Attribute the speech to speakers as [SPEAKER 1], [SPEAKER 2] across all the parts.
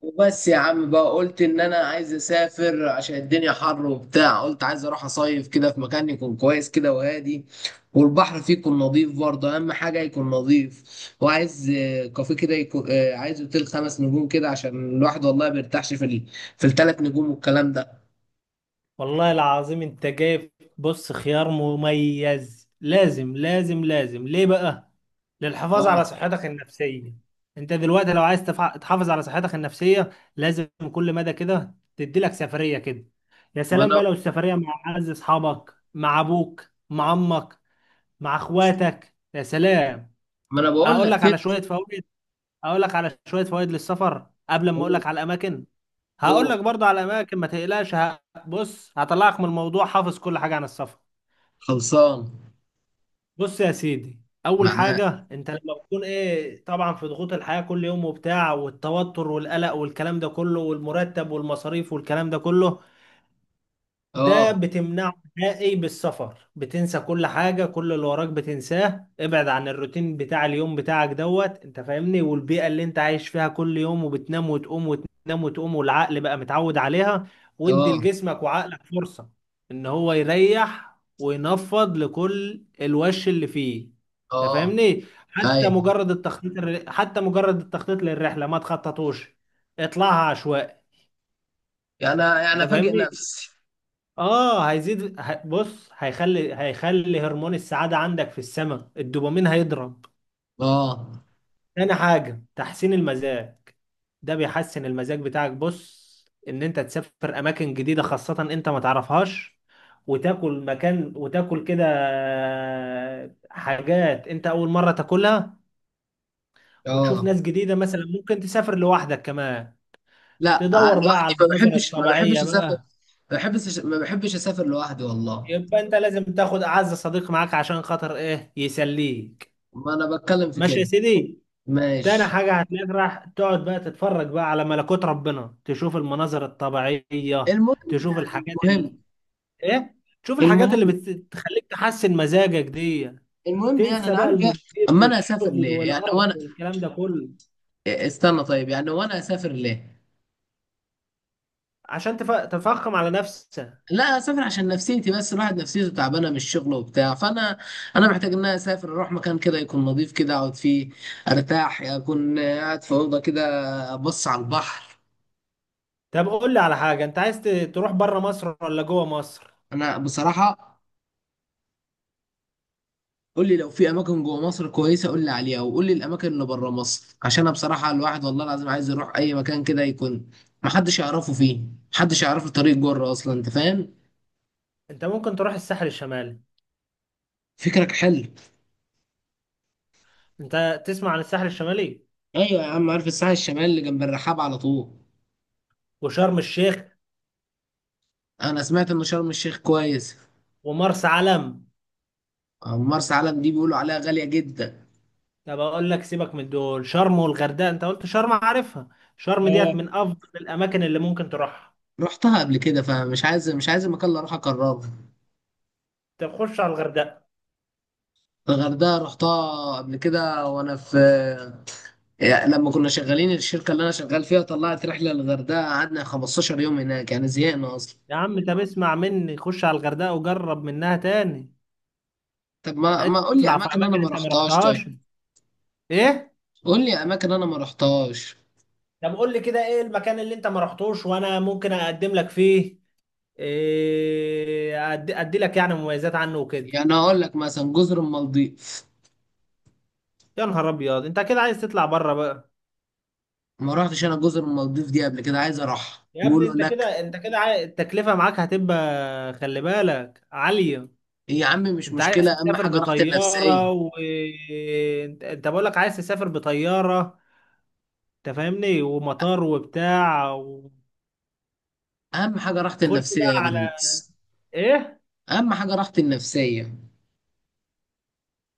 [SPEAKER 1] وبس يا عم بقى قلت ان انا عايز اسافر عشان الدنيا حر وبتاع، قلت عايز اروح اصيف كده في مكان يكون كويس كده وهادي، والبحر فيه يكون نظيف برضه، اهم حاجه يكون نظيف. وعايز كافيه كده يكون، عايز اوتيل خمس نجوم كده عشان الواحد والله ما بيرتاحش في ال... في الثلاث نجوم والكلام ده.
[SPEAKER 2] والله العظيم انت جايب. بص، خيار مميز. لازم ليه بقى؟ للحفاظ
[SPEAKER 1] اه.
[SPEAKER 2] على صحتك النفسية. انت دلوقتي لو عايز تحافظ على صحتك النفسية، لازم كل مدى كده تدي لك سفرية كده. يا
[SPEAKER 1] ما
[SPEAKER 2] سلام
[SPEAKER 1] انا
[SPEAKER 2] بقى لو السفرية مع اعز اصحابك، مع ابوك، مع امك، مع اخواتك، يا سلام.
[SPEAKER 1] ما انا بقول
[SPEAKER 2] اقول
[SPEAKER 1] لك
[SPEAKER 2] لك
[SPEAKER 1] كده.
[SPEAKER 2] على شوية فوائد، اقول لك على شوية فوائد للسفر قبل ما اقول
[SPEAKER 1] هو
[SPEAKER 2] لك على الاماكن. هقول
[SPEAKER 1] هو
[SPEAKER 2] لك برضه على اماكن ما تقلقش بص هطلعك من الموضوع حافظ كل حاجه عن السفر.
[SPEAKER 1] خلصان
[SPEAKER 2] بص يا سيدي، اول
[SPEAKER 1] معاك.
[SPEAKER 2] حاجه انت لما بتكون ايه، طبعا في ضغوط الحياه كل يوم وبتاع والتوتر والقلق والكلام ده كله والمرتب والمصاريف والكلام ده كله، ده
[SPEAKER 1] اه.
[SPEAKER 2] بتمنعه نهائي بالسفر. بتنسى كل حاجة، كل اللي وراك بتنساه. ابعد عن الروتين بتاع اليوم بتاعك دوت، انت فاهمني، والبيئة اللي انت عايش فيها كل يوم، وبتنام وتقوم وتنام وتقوم والعقل بقى متعود عليها. وادي
[SPEAKER 1] اه.
[SPEAKER 2] لجسمك وعقلك فرصة ان هو يريح وينفض لكل الوش اللي فيه. انت
[SPEAKER 1] اه.
[SPEAKER 2] فاهمني، حتى
[SPEAKER 1] ايوه.
[SPEAKER 2] مجرد حتى مجرد التخطيط للرحلة ما تخططوش، اطلعها عشوائي.
[SPEAKER 1] انا
[SPEAKER 2] انت
[SPEAKER 1] انا فاجئ
[SPEAKER 2] فاهمني؟
[SPEAKER 1] نفسي.
[SPEAKER 2] اه، هيزيد ه- بص هيخلي، هيخلي هرمون السعادة عندك في السماء، الدوبامين هيضرب.
[SPEAKER 1] اه.
[SPEAKER 2] تاني حاجة، تحسين المزاج. ده بيحسن المزاج بتاعك. بص، ان انت تسافر اماكن جديدة خاصة انت ما تعرفهاش، وتاكل مكان وتاكل كده حاجات انت اول مرة تاكلها، وتشوف
[SPEAKER 1] اه.
[SPEAKER 2] ناس جديدة. مثلا ممكن تسافر لوحدك كمان،
[SPEAKER 1] لا،
[SPEAKER 2] تدور بقى
[SPEAKER 1] دلوقتي
[SPEAKER 2] على
[SPEAKER 1] ما
[SPEAKER 2] المناظر
[SPEAKER 1] بحبش ما بحبش
[SPEAKER 2] الطبيعية
[SPEAKER 1] اسافر،
[SPEAKER 2] بقى.
[SPEAKER 1] ما بحبش اسافر لوحدي والله.
[SPEAKER 2] يبقى انت لازم تاخد اعز صديق معاك عشان خاطر ايه، يسليك.
[SPEAKER 1] ما انا بتكلم في
[SPEAKER 2] ماشي يا
[SPEAKER 1] كده.
[SPEAKER 2] سيدي. تاني
[SPEAKER 1] ماشي.
[SPEAKER 2] حاجة، هتلاقيك راح تقعد بقى تتفرج بقى على ملكوت ربنا، تشوف المناظر الطبيعية،
[SPEAKER 1] المهم
[SPEAKER 2] تشوف
[SPEAKER 1] يعني
[SPEAKER 2] الحاجات
[SPEAKER 1] المهم
[SPEAKER 2] ايه، تشوف الحاجات اللي
[SPEAKER 1] المهم
[SPEAKER 2] بتخليك تحسن مزاجك دي.
[SPEAKER 1] المهم يعني
[SPEAKER 2] تنسى
[SPEAKER 1] انا
[SPEAKER 2] بقى
[SPEAKER 1] عارف يعني.
[SPEAKER 2] المدير
[SPEAKER 1] اما انا اسافر
[SPEAKER 2] والشغل
[SPEAKER 1] ليه يعني
[SPEAKER 2] والقرف
[SPEAKER 1] وانا...
[SPEAKER 2] والكلام ده كله.
[SPEAKER 1] استنى طيب، يعني وانا اسافر ليه؟
[SPEAKER 2] عشان تفخم على نفسك.
[SPEAKER 1] لا، اسافر عشان نفسيتي بس، الواحد نفسيته تعبانه من الشغل وبتاع، فانا انا محتاج ان انا اسافر، اروح مكان كده يكون نظيف كده، اقعد فيه ارتاح، اكون قاعد في اوضه كده ابص على البحر.
[SPEAKER 2] طب قول لي على حاجة، انت تروح بره مصر ولا جوه مصر؟
[SPEAKER 1] انا بصراحه، قول لي لو في اماكن جوه مصر كويسه قول لي عليها، وقول لي الاماكن اللي بره مصر، عشان انا بصراحه الواحد والله العظيم عايز يروح اي مكان كده يكون محدش يعرفه فيه، محدش يعرف له طريق بره اصلا، انت فاهم.
[SPEAKER 2] انت ممكن تروح الساحل الشمالي.
[SPEAKER 1] فكرك حلو.
[SPEAKER 2] انت تسمع عن الساحل الشمالي
[SPEAKER 1] ايوه يا عم، عارف الساحل الشمالي اللي جنب الرحاب على طول.
[SPEAKER 2] وشرم الشيخ
[SPEAKER 1] انا سمعت ان شرم الشيخ كويس.
[SPEAKER 2] ومرسى علم.
[SPEAKER 1] أما مرسى علم دي بيقولوا عليها غاليه جدا.
[SPEAKER 2] طب اقول لك، سيبك من دول. شرم، والغردقه انت قلت شرم عارفها، شرم ديت
[SPEAKER 1] اه،
[SPEAKER 2] من افضل الاماكن اللي ممكن تروحها.
[SPEAKER 1] رحتها قبل كده، فمش عايز، مش عايز المكان اللي اروح اكرره.
[SPEAKER 2] طب خش على الغردقه.
[SPEAKER 1] الغردقه رحتها قبل كده وانا في، يعني لما كنا شغالين الشركة اللي أنا شغال فيها طلعت رحلة للغردقة، قعدنا 15 يوم هناك، يعني زهقنا أصلا.
[SPEAKER 2] يا عم طب اسمع مني، خش على الغردقه وجرب منها تاني.
[SPEAKER 1] طب ما قول لي
[SPEAKER 2] اطلع في
[SPEAKER 1] أماكن أنا
[SPEAKER 2] اماكن
[SPEAKER 1] ما
[SPEAKER 2] انت ما
[SPEAKER 1] رحتهاش، طيب.
[SPEAKER 2] رحتهاش. ايه،
[SPEAKER 1] قول لي أماكن أنا ما رحتهاش.
[SPEAKER 2] طب قول لي كده ايه المكان اللي انت ما رحتوش وانا ممكن اقدم لك فيه. إيه، ادي لك يعني مميزات عنه وكده.
[SPEAKER 1] يعني أقول لك مثلا جزر المالديف.
[SPEAKER 2] يا نهار ابيض، انت كده عايز تطلع بره بقى.
[SPEAKER 1] ما رحتش أنا جزر المالديف دي قبل كده، عايز أروح،
[SPEAKER 2] يا ابني،
[SPEAKER 1] بيقولوا
[SPEAKER 2] انت
[SPEAKER 1] هناك...
[SPEAKER 2] كده انت كده التكلفه معاك هتبقى، خلي بالك، عاليه.
[SPEAKER 1] يا عم مش
[SPEAKER 2] انت عايز
[SPEAKER 1] مشكلة، أهم
[SPEAKER 2] تسافر
[SPEAKER 1] حاجة راحتي النفسية.
[SPEAKER 2] بطياره و انت بقول لك عايز تسافر بطياره، انت فاهمني، ومطار وبتاع وخش
[SPEAKER 1] أهم حاجة راحتي النفسية
[SPEAKER 2] بقى
[SPEAKER 1] يا
[SPEAKER 2] على
[SPEAKER 1] برنس.
[SPEAKER 2] ايه.
[SPEAKER 1] أهم حاجة راحتي النفسية.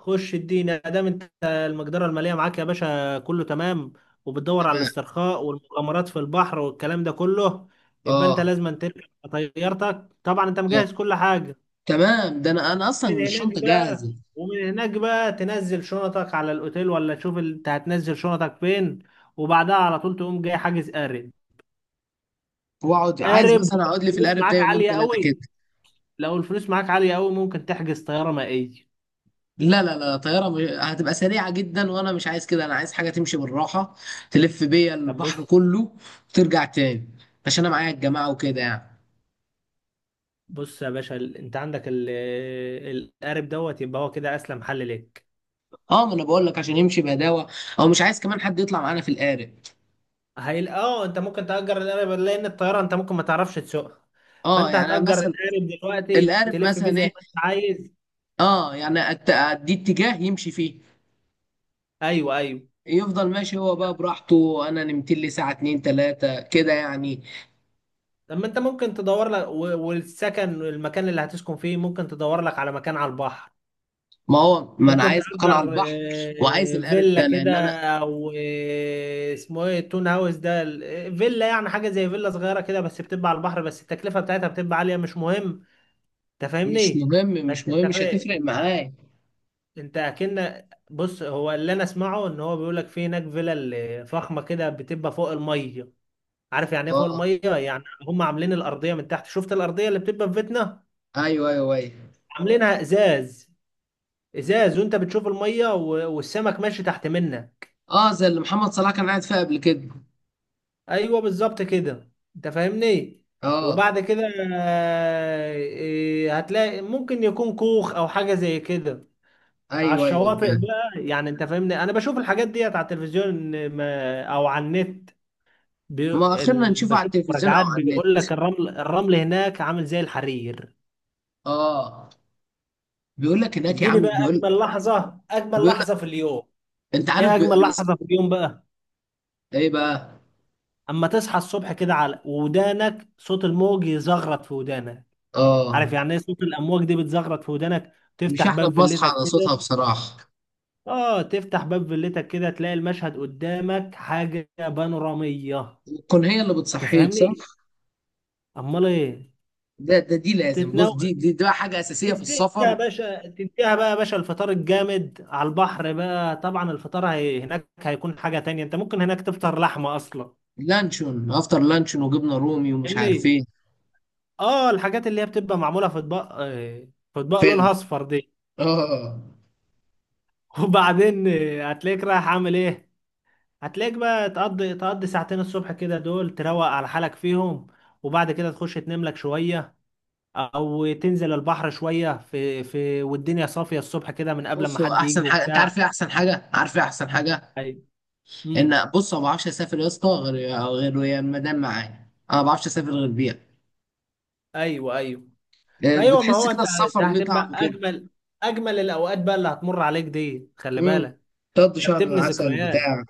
[SPEAKER 2] خش الدين دام انت المقدره الماليه معاك يا باشا كله تمام، وبتدور على
[SPEAKER 1] تمام.
[SPEAKER 2] الاسترخاء والمغامرات في البحر والكلام ده كله، يبقى انت
[SPEAKER 1] أه.
[SPEAKER 2] لازم تركب طيارتك. طبعا انت
[SPEAKER 1] آه.
[SPEAKER 2] مجهز كل حاجه
[SPEAKER 1] تمام، ده أنا أصلا
[SPEAKER 2] من هناك
[SPEAKER 1] الشنطة
[SPEAKER 2] بقى.
[SPEAKER 1] جاهزة.
[SPEAKER 2] ومن هناك بقى تنزل شنطك على الاوتيل، ولا تشوف انت هتنزل شنطك فين، وبعدها على طول تقوم جاي حاجز قارب.
[SPEAKER 1] وأقعد، عايز
[SPEAKER 2] قارب،
[SPEAKER 1] مثلا أقعد لي في
[SPEAKER 2] الفلوس
[SPEAKER 1] القارب ده
[SPEAKER 2] معاك
[SPEAKER 1] يومين
[SPEAKER 2] عالية
[SPEAKER 1] ثلاثة كده.
[SPEAKER 2] قوي؟ لو الفلوس معاك عالية قوي ممكن تحجز طيارة مائية.
[SPEAKER 1] لا لا لا، طيارة مش... هتبقى سريعة جدا وانا مش عايز كده، انا عايز حاجة تمشي بالراحة، تلف بيا
[SPEAKER 2] طب
[SPEAKER 1] البحر
[SPEAKER 2] بص،
[SPEAKER 1] كله وترجع تاني، عشان انا معايا الجماعة وكده يعني.
[SPEAKER 2] بص يا باشا، انت عندك القارب دوت، يبقى هو كده اسلم حل ليك.
[SPEAKER 1] اه، ما انا بقول لك عشان يمشي بهداوة، او مش عايز كمان حد يطلع معانا في القارب.
[SPEAKER 2] اه، انت ممكن تأجر القارب لان الطيارة انت ممكن ما تعرفش تسوقها.
[SPEAKER 1] اه
[SPEAKER 2] فانت
[SPEAKER 1] يعني أنا
[SPEAKER 2] هتأجر
[SPEAKER 1] مثلا
[SPEAKER 2] القارب دلوقتي
[SPEAKER 1] القارب
[SPEAKER 2] تلف بيه
[SPEAKER 1] مثلا
[SPEAKER 2] زي
[SPEAKER 1] ايه،
[SPEAKER 2] ما انت عايز.
[SPEAKER 1] اه يعني أت- ادي اتجاه يمشي فيه،
[SPEAKER 2] ايوه ايوه.
[SPEAKER 1] يفضل ماشي هو بقى براحته، انا نمت لي ساعة اتنين تلاتة كده يعني.
[SPEAKER 2] لما انت ممكن تدور لك والسكن والمكان اللي هتسكن فيه ممكن تدور لك على مكان على البحر.
[SPEAKER 1] ما هو ما انا
[SPEAKER 2] ممكن
[SPEAKER 1] عايز مكان على
[SPEAKER 2] تأجر
[SPEAKER 1] البحر، وعايز القارب
[SPEAKER 2] فيلا
[SPEAKER 1] ده
[SPEAKER 2] كده،
[SPEAKER 1] لان انا...
[SPEAKER 2] او اسمه ايه، التون هاوس ده فيلا، يعني حاجة زي فيلا صغيرة كده بس بتبقى على البحر، بس التكلفة بتاعتها بتبقى عالية، مش مهم. انت
[SPEAKER 1] مش
[SPEAKER 2] فاهمني؟
[SPEAKER 1] مهم،
[SPEAKER 2] بس
[SPEAKER 1] مش
[SPEAKER 2] انت
[SPEAKER 1] مهم، مش
[SPEAKER 2] فا...
[SPEAKER 1] هتفرق
[SPEAKER 2] انت
[SPEAKER 1] معايا.
[SPEAKER 2] انت اكن بص، هو اللي انا اسمعه ان هو بيقول لك في هناك فيلا فخمة كده بتبقى فوق المية. عارف يعني ايه فوق
[SPEAKER 1] اه.
[SPEAKER 2] المية يعني؟ هم عاملين الأرضية من تحت، شفت الأرضية اللي بتبقى في بيتنا،
[SPEAKER 1] ايوه ايوه ايوه.
[SPEAKER 2] عاملينها ازاز. ازاز، وانت بتشوف الميه والسمك ماشي تحت منها.
[SPEAKER 1] اه، زي اللي محمد صلاح كان قاعد فيها قبل كده.
[SPEAKER 2] ايوه بالظبط كده، انت فاهمني.
[SPEAKER 1] اه،
[SPEAKER 2] وبعد كده آه، إيه، هتلاقي ممكن يكون كوخ او حاجه زي كده على
[SPEAKER 1] ايوه ايوه،
[SPEAKER 2] الشواطئ
[SPEAKER 1] فاهم.
[SPEAKER 2] بقى. يعني انت فاهمني، انا بشوف الحاجات ديت على التلفزيون او على النت. بي...
[SPEAKER 1] ما اخرنا نشوفه على
[SPEAKER 2] بشوف
[SPEAKER 1] التلفزيون او
[SPEAKER 2] مراجعات
[SPEAKER 1] على
[SPEAKER 2] بيقول
[SPEAKER 1] النت.
[SPEAKER 2] لك الرمل، الرمل هناك عامل زي الحرير.
[SPEAKER 1] اه. بيقول لك هناك يا
[SPEAKER 2] اديني
[SPEAKER 1] عم،
[SPEAKER 2] بقى
[SPEAKER 1] بيقول.
[SPEAKER 2] اجمل لحظه، اجمل
[SPEAKER 1] بيقول لك،
[SPEAKER 2] لحظه في اليوم.
[SPEAKER 1] انت عارف
[SPEAKER 2] ايه
[SPEAKER 1] بي...
[SPEAKER 2] اجمل
[SPEAKER 1] انا س-...
[SPEAKER 2] لحظه في اليوم بقى؟
[SPEAKER 1] ايه بقى؟
[SPEAKER 2] اما تصحى الصبح كده على ودانك صوت الموج يزغرط في ودانك.
[SPEAKER 1] اه،
[SPEAKER 2] عارف يعني ايه صوت الامواج دي بتزغرط في ودانك؟
[SPEAKER 1] مش
[SPEAKER 2] تفتح
[SPEAKER 1] احلى
[SPEAKER 2] باب
[SPEAKER 1] ما اصحى
[SPEAKER 2] فيلتك
[SPEAKER 1] على صوتها
[SPEAKER 2] كده.
[SPEAKER 1] بصراحه،
[SPEAKER 2] اه، تفتح باب فيلتك كده، تلاقي المشهد قدامك حاجه بانوراميه.
[SPEAKER 1] تكون هي اللي بتصحيك، صح.
[SPEAKER 2] تفهمني؟ امال ايه.
[SPEAKER 1] ده ده دي لازم، بص،
[SPEAKER 2] تتنو،
[SPEAKER 1] دي بقى حاجه اساسيه في
[SPEAKER 2] تديها يا
[SPEAKER 1] السفر.
[SPEAKER 2] باشا، تديها بقى يا باشا الفطار الجامد على البحر بقى. طبعا الفطار هناك هيكون حاجه تانية، انت ممكن هناك تفطر لحمه اصلا.
[SPEAKER 1] لانشون، افطر لانشون وجبنه رومي ومش عارف
[SPEAKER 2] فاهمني؟
[SPEAKER 1] ايه.
[SPEAKER 2] اه، الحاجات اللي هي بتبقى معموله في اطباق في اطباق
[SPEAKER 1] فل.
[SPEAKER 2] لونها اصفر دي.
[SPEAKER 1] اه.
[SPEAKER 2] وبعدين هتلاقيك رايح عامل ايه، هتلاقيك بقى تقضي، تقضي ساعتين الصبح كده دول تروق على حالك فيهم، وبعد كده تخش تنام لك شوية، او تنزل البحر شوية في والدنيا صافية الصبح كده من قبل ما
[SPEAKER 1] بصوا،
[SPEAKER 2] حد يجي
[SPEAKER 1] احسن حاجه انت
[SPEAKER 2] وبتاع.
[SPEAKER 1] عارف ايه؟ احسن حاجه، عارف ايه احسن حاجه؟
[SPEAKER 2] ايوه. امم.
[SPEAKER 1] ان بص، أنا ما بعرفش اسافر يا اسطى غير ويا المدام معايا، انا ما بعرفش اسافر غير بيها.
[SPEAKER 2] ايوه ايوه. ما ايوه، ما
[SPEAKER 1] بتحس
[SPEAKER 2] هو
[SPEAKER 1] كده
[SPEAKER 2] انت ده
[SPEAKER 1] السفر ليه
[SPEAKER 2] هتبقى
[SPEAKER 1] طعم كده.
[SPEAKER 2] اجمل، اجمل الاوقات بقى اللي هتمر عليك دي، خلي
[SPEAKER 1] امم.
[SPEAKER 2] بالك.
[SPEAKER 1] تقضي
[SPEAKER 2] ده
[SPEAKER 1] شهر
[SPEAKER 2] بتبني
[SPEAKER 1] العسل
[SPEAKER 2] ذكريات،
[SPEAKER 1] بتاع.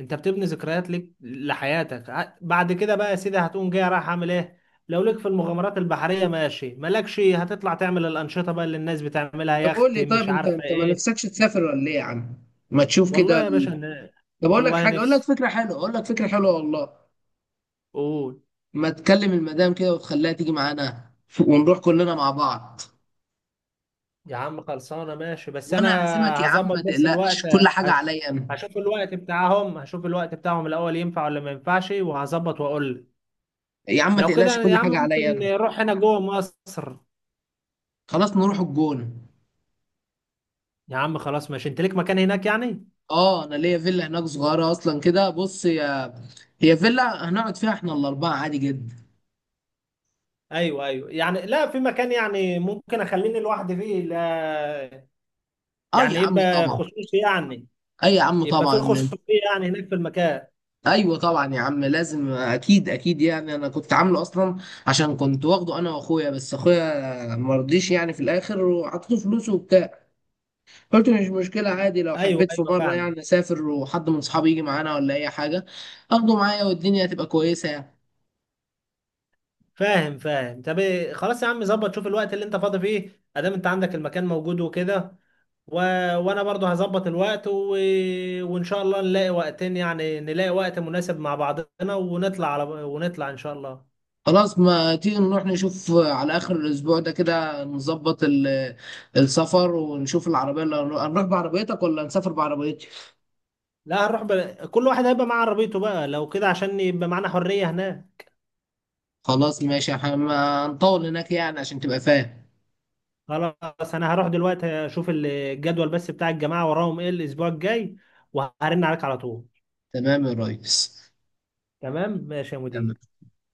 [SPEAKER 2] انت بتبني ذكريات ليك لحياتك. بعد كده بقى يا سيدي هتقوم جاي رايح اعمل ايه؟ لو ليك في المغامرات البحريه ماشي، مالكش، هتطلع تعمل الانشطه بقى اللي الناس بتعملها،
[SPEAKER 1] طب قول
[SPEAKER 2] يخت
[SPEAKER 1] لي طيب،
[SPEAKER 2] مش
[SPEAKER 1] انت
[SPEAKER 2] عارفه
[SPEAKER 1] انت ما
[SPEAKER 2] ايه.
[SPEAKER 1] نفسكش تسافر ولا ايه يا عم؟ ما تشوف كده
[SPEAKER 2] والله يا باشا
[SPEAKER 1] ال... طب اقول لك
[SPEAKER 2] والله
[SPEAKER 1] حاجه، اقول لك
[SPEAKER 2] نفسي.
[SPEAKER 1] فكره حلوه، اقول لك فكره حلوه والله.
[SPEAKER 2] قول.
[SPEAKER 1] ما تكلم المدام كده وتخليها تيجي معانا، ونروح كلنا مع بعض،
[SPEAKER 2] يا عم خلصانه، ماشي، بس انا
[SPEAKER 1] وانا هعزمك يا عم،
[SPEAKER 2] هظبط
[SPEAKER 1] ما
[SPEAKER 2] بس الوقت.
[SPEAKER 1] تقلقش كل حاجه
[SPEAKER 2] هش...
[SPEAKER 1] عليا انا.
[SPEAKER 2] هشوف الوقت بتاعهم، هشوف الوقت بتاعهم الاول ينفع ولا ما ينفعش وهظبط واقول لك.
[SPEAKER 1] يا عم ما
[SPEAKER 2] لو
[SPEAKER 1] تقلقش
[SPEAKER 2] كده يا
[SPEAKER 1] كل
[SPEAKER 2] عم
[SPEAKER 1] حاجه عليا
[SPEAKER 2] ممكن
[SPEAKER 1] انا.
[SPEAKER 2] نروح هنا جوه مصر.
[SPEAKER 1] خلاص نروح الجونه.
[SPEAKER 2] يا عم خلاص، ماشي، انت ليك مكان هناك يعني؟
[SPEAKER 1] اه، انا ليا فيلا هناك صغيره اصلا كده، بص، هي فيلا هنقعد فيها احنا الاربعه عادي جدا.
[SPEAKER 2] ايوه ايوه، يعني لا في مكان يعني ممكن اخليني لوحدي فيه؟ لا
[SPEAKER 1] اه يا
[SPEAKER 2] يعني،
[SPEAKER 1] عم
[SPEAKER 2] يبقى
[SPEAKER 1] طبعا.
[SPEAKER 2] خصوصي يعني،
[SPEAKER 1] اي يا عم
[SPEAKER 2] يبقى في
[SPEAKER 1] طبعا.
[SPEAKER 2] خصوصية يعني هناك في المكان.
[SPEAKER 1] ايوه طبعا يا عم، لازم، اكيد اكيد يعني، انا كنت عامله اصلا، عشان كنت واخده انا واخويا، بس اخويا مرضيش يعني في الاخر، وحطيته فلوسه وبتاع، قلت مش مشكله عادي، لو
[SPEAKER 2] ايوه
[SPEAKER 1] حبيت في
[SPEAKER 2] ايوه،
[SPEAKER 1] مره
[SPEAKER 2] فاهم.
[SPEAKER 1] يعني اسافر وحد من صحابي يجي معانا ولا اي حاجه، اخده معايا والدنيا هتبقى كويسه يعني.
[SPEAKER 2] فاهم فاهم. طب إيه، خلاص يا عم، ظبط شوف الوقت اللي انت فاضي فيه ادام انت عندك المكان موجود وكده، و... وانا برضو هظبط الوقت وان شاء الله نلاقي وقتين، يعني نلاقي وقت مناسب مع بعضنا ونطلع على، ونطلع ان شاء الله.
[SPEAKER 1] خلاص، ما تيجي نروح نشوف على آخر الأسبوع ده كده، نظبط ال- السفر، ونشوف العربية اللي هنروح بعربيتك ولا نسافر بعربيتي.
[SPEAKER 2] لا هنروح كل واحد هيبقى معاه عربيته بقى لو كده عشان يبقى معانا حرية هناك.
[SPEAKER 1] خلاص ماشي، احنا ما هنطول هناك يعني، عشان تبقى فاهم.
[SPEAKER 2] خلاص انا هروح دلوقتي اشوف الجدول بس بتاع الجماعه وراهم ايه الاسبوع الجاي وهرن عليك على طول.
[SPEAKER 1] تمام يا ريس.
[SPEAKER 2] تمام ماشي يا
[SPEAKER 1] تمام.
[SPEAKER 2] مدير.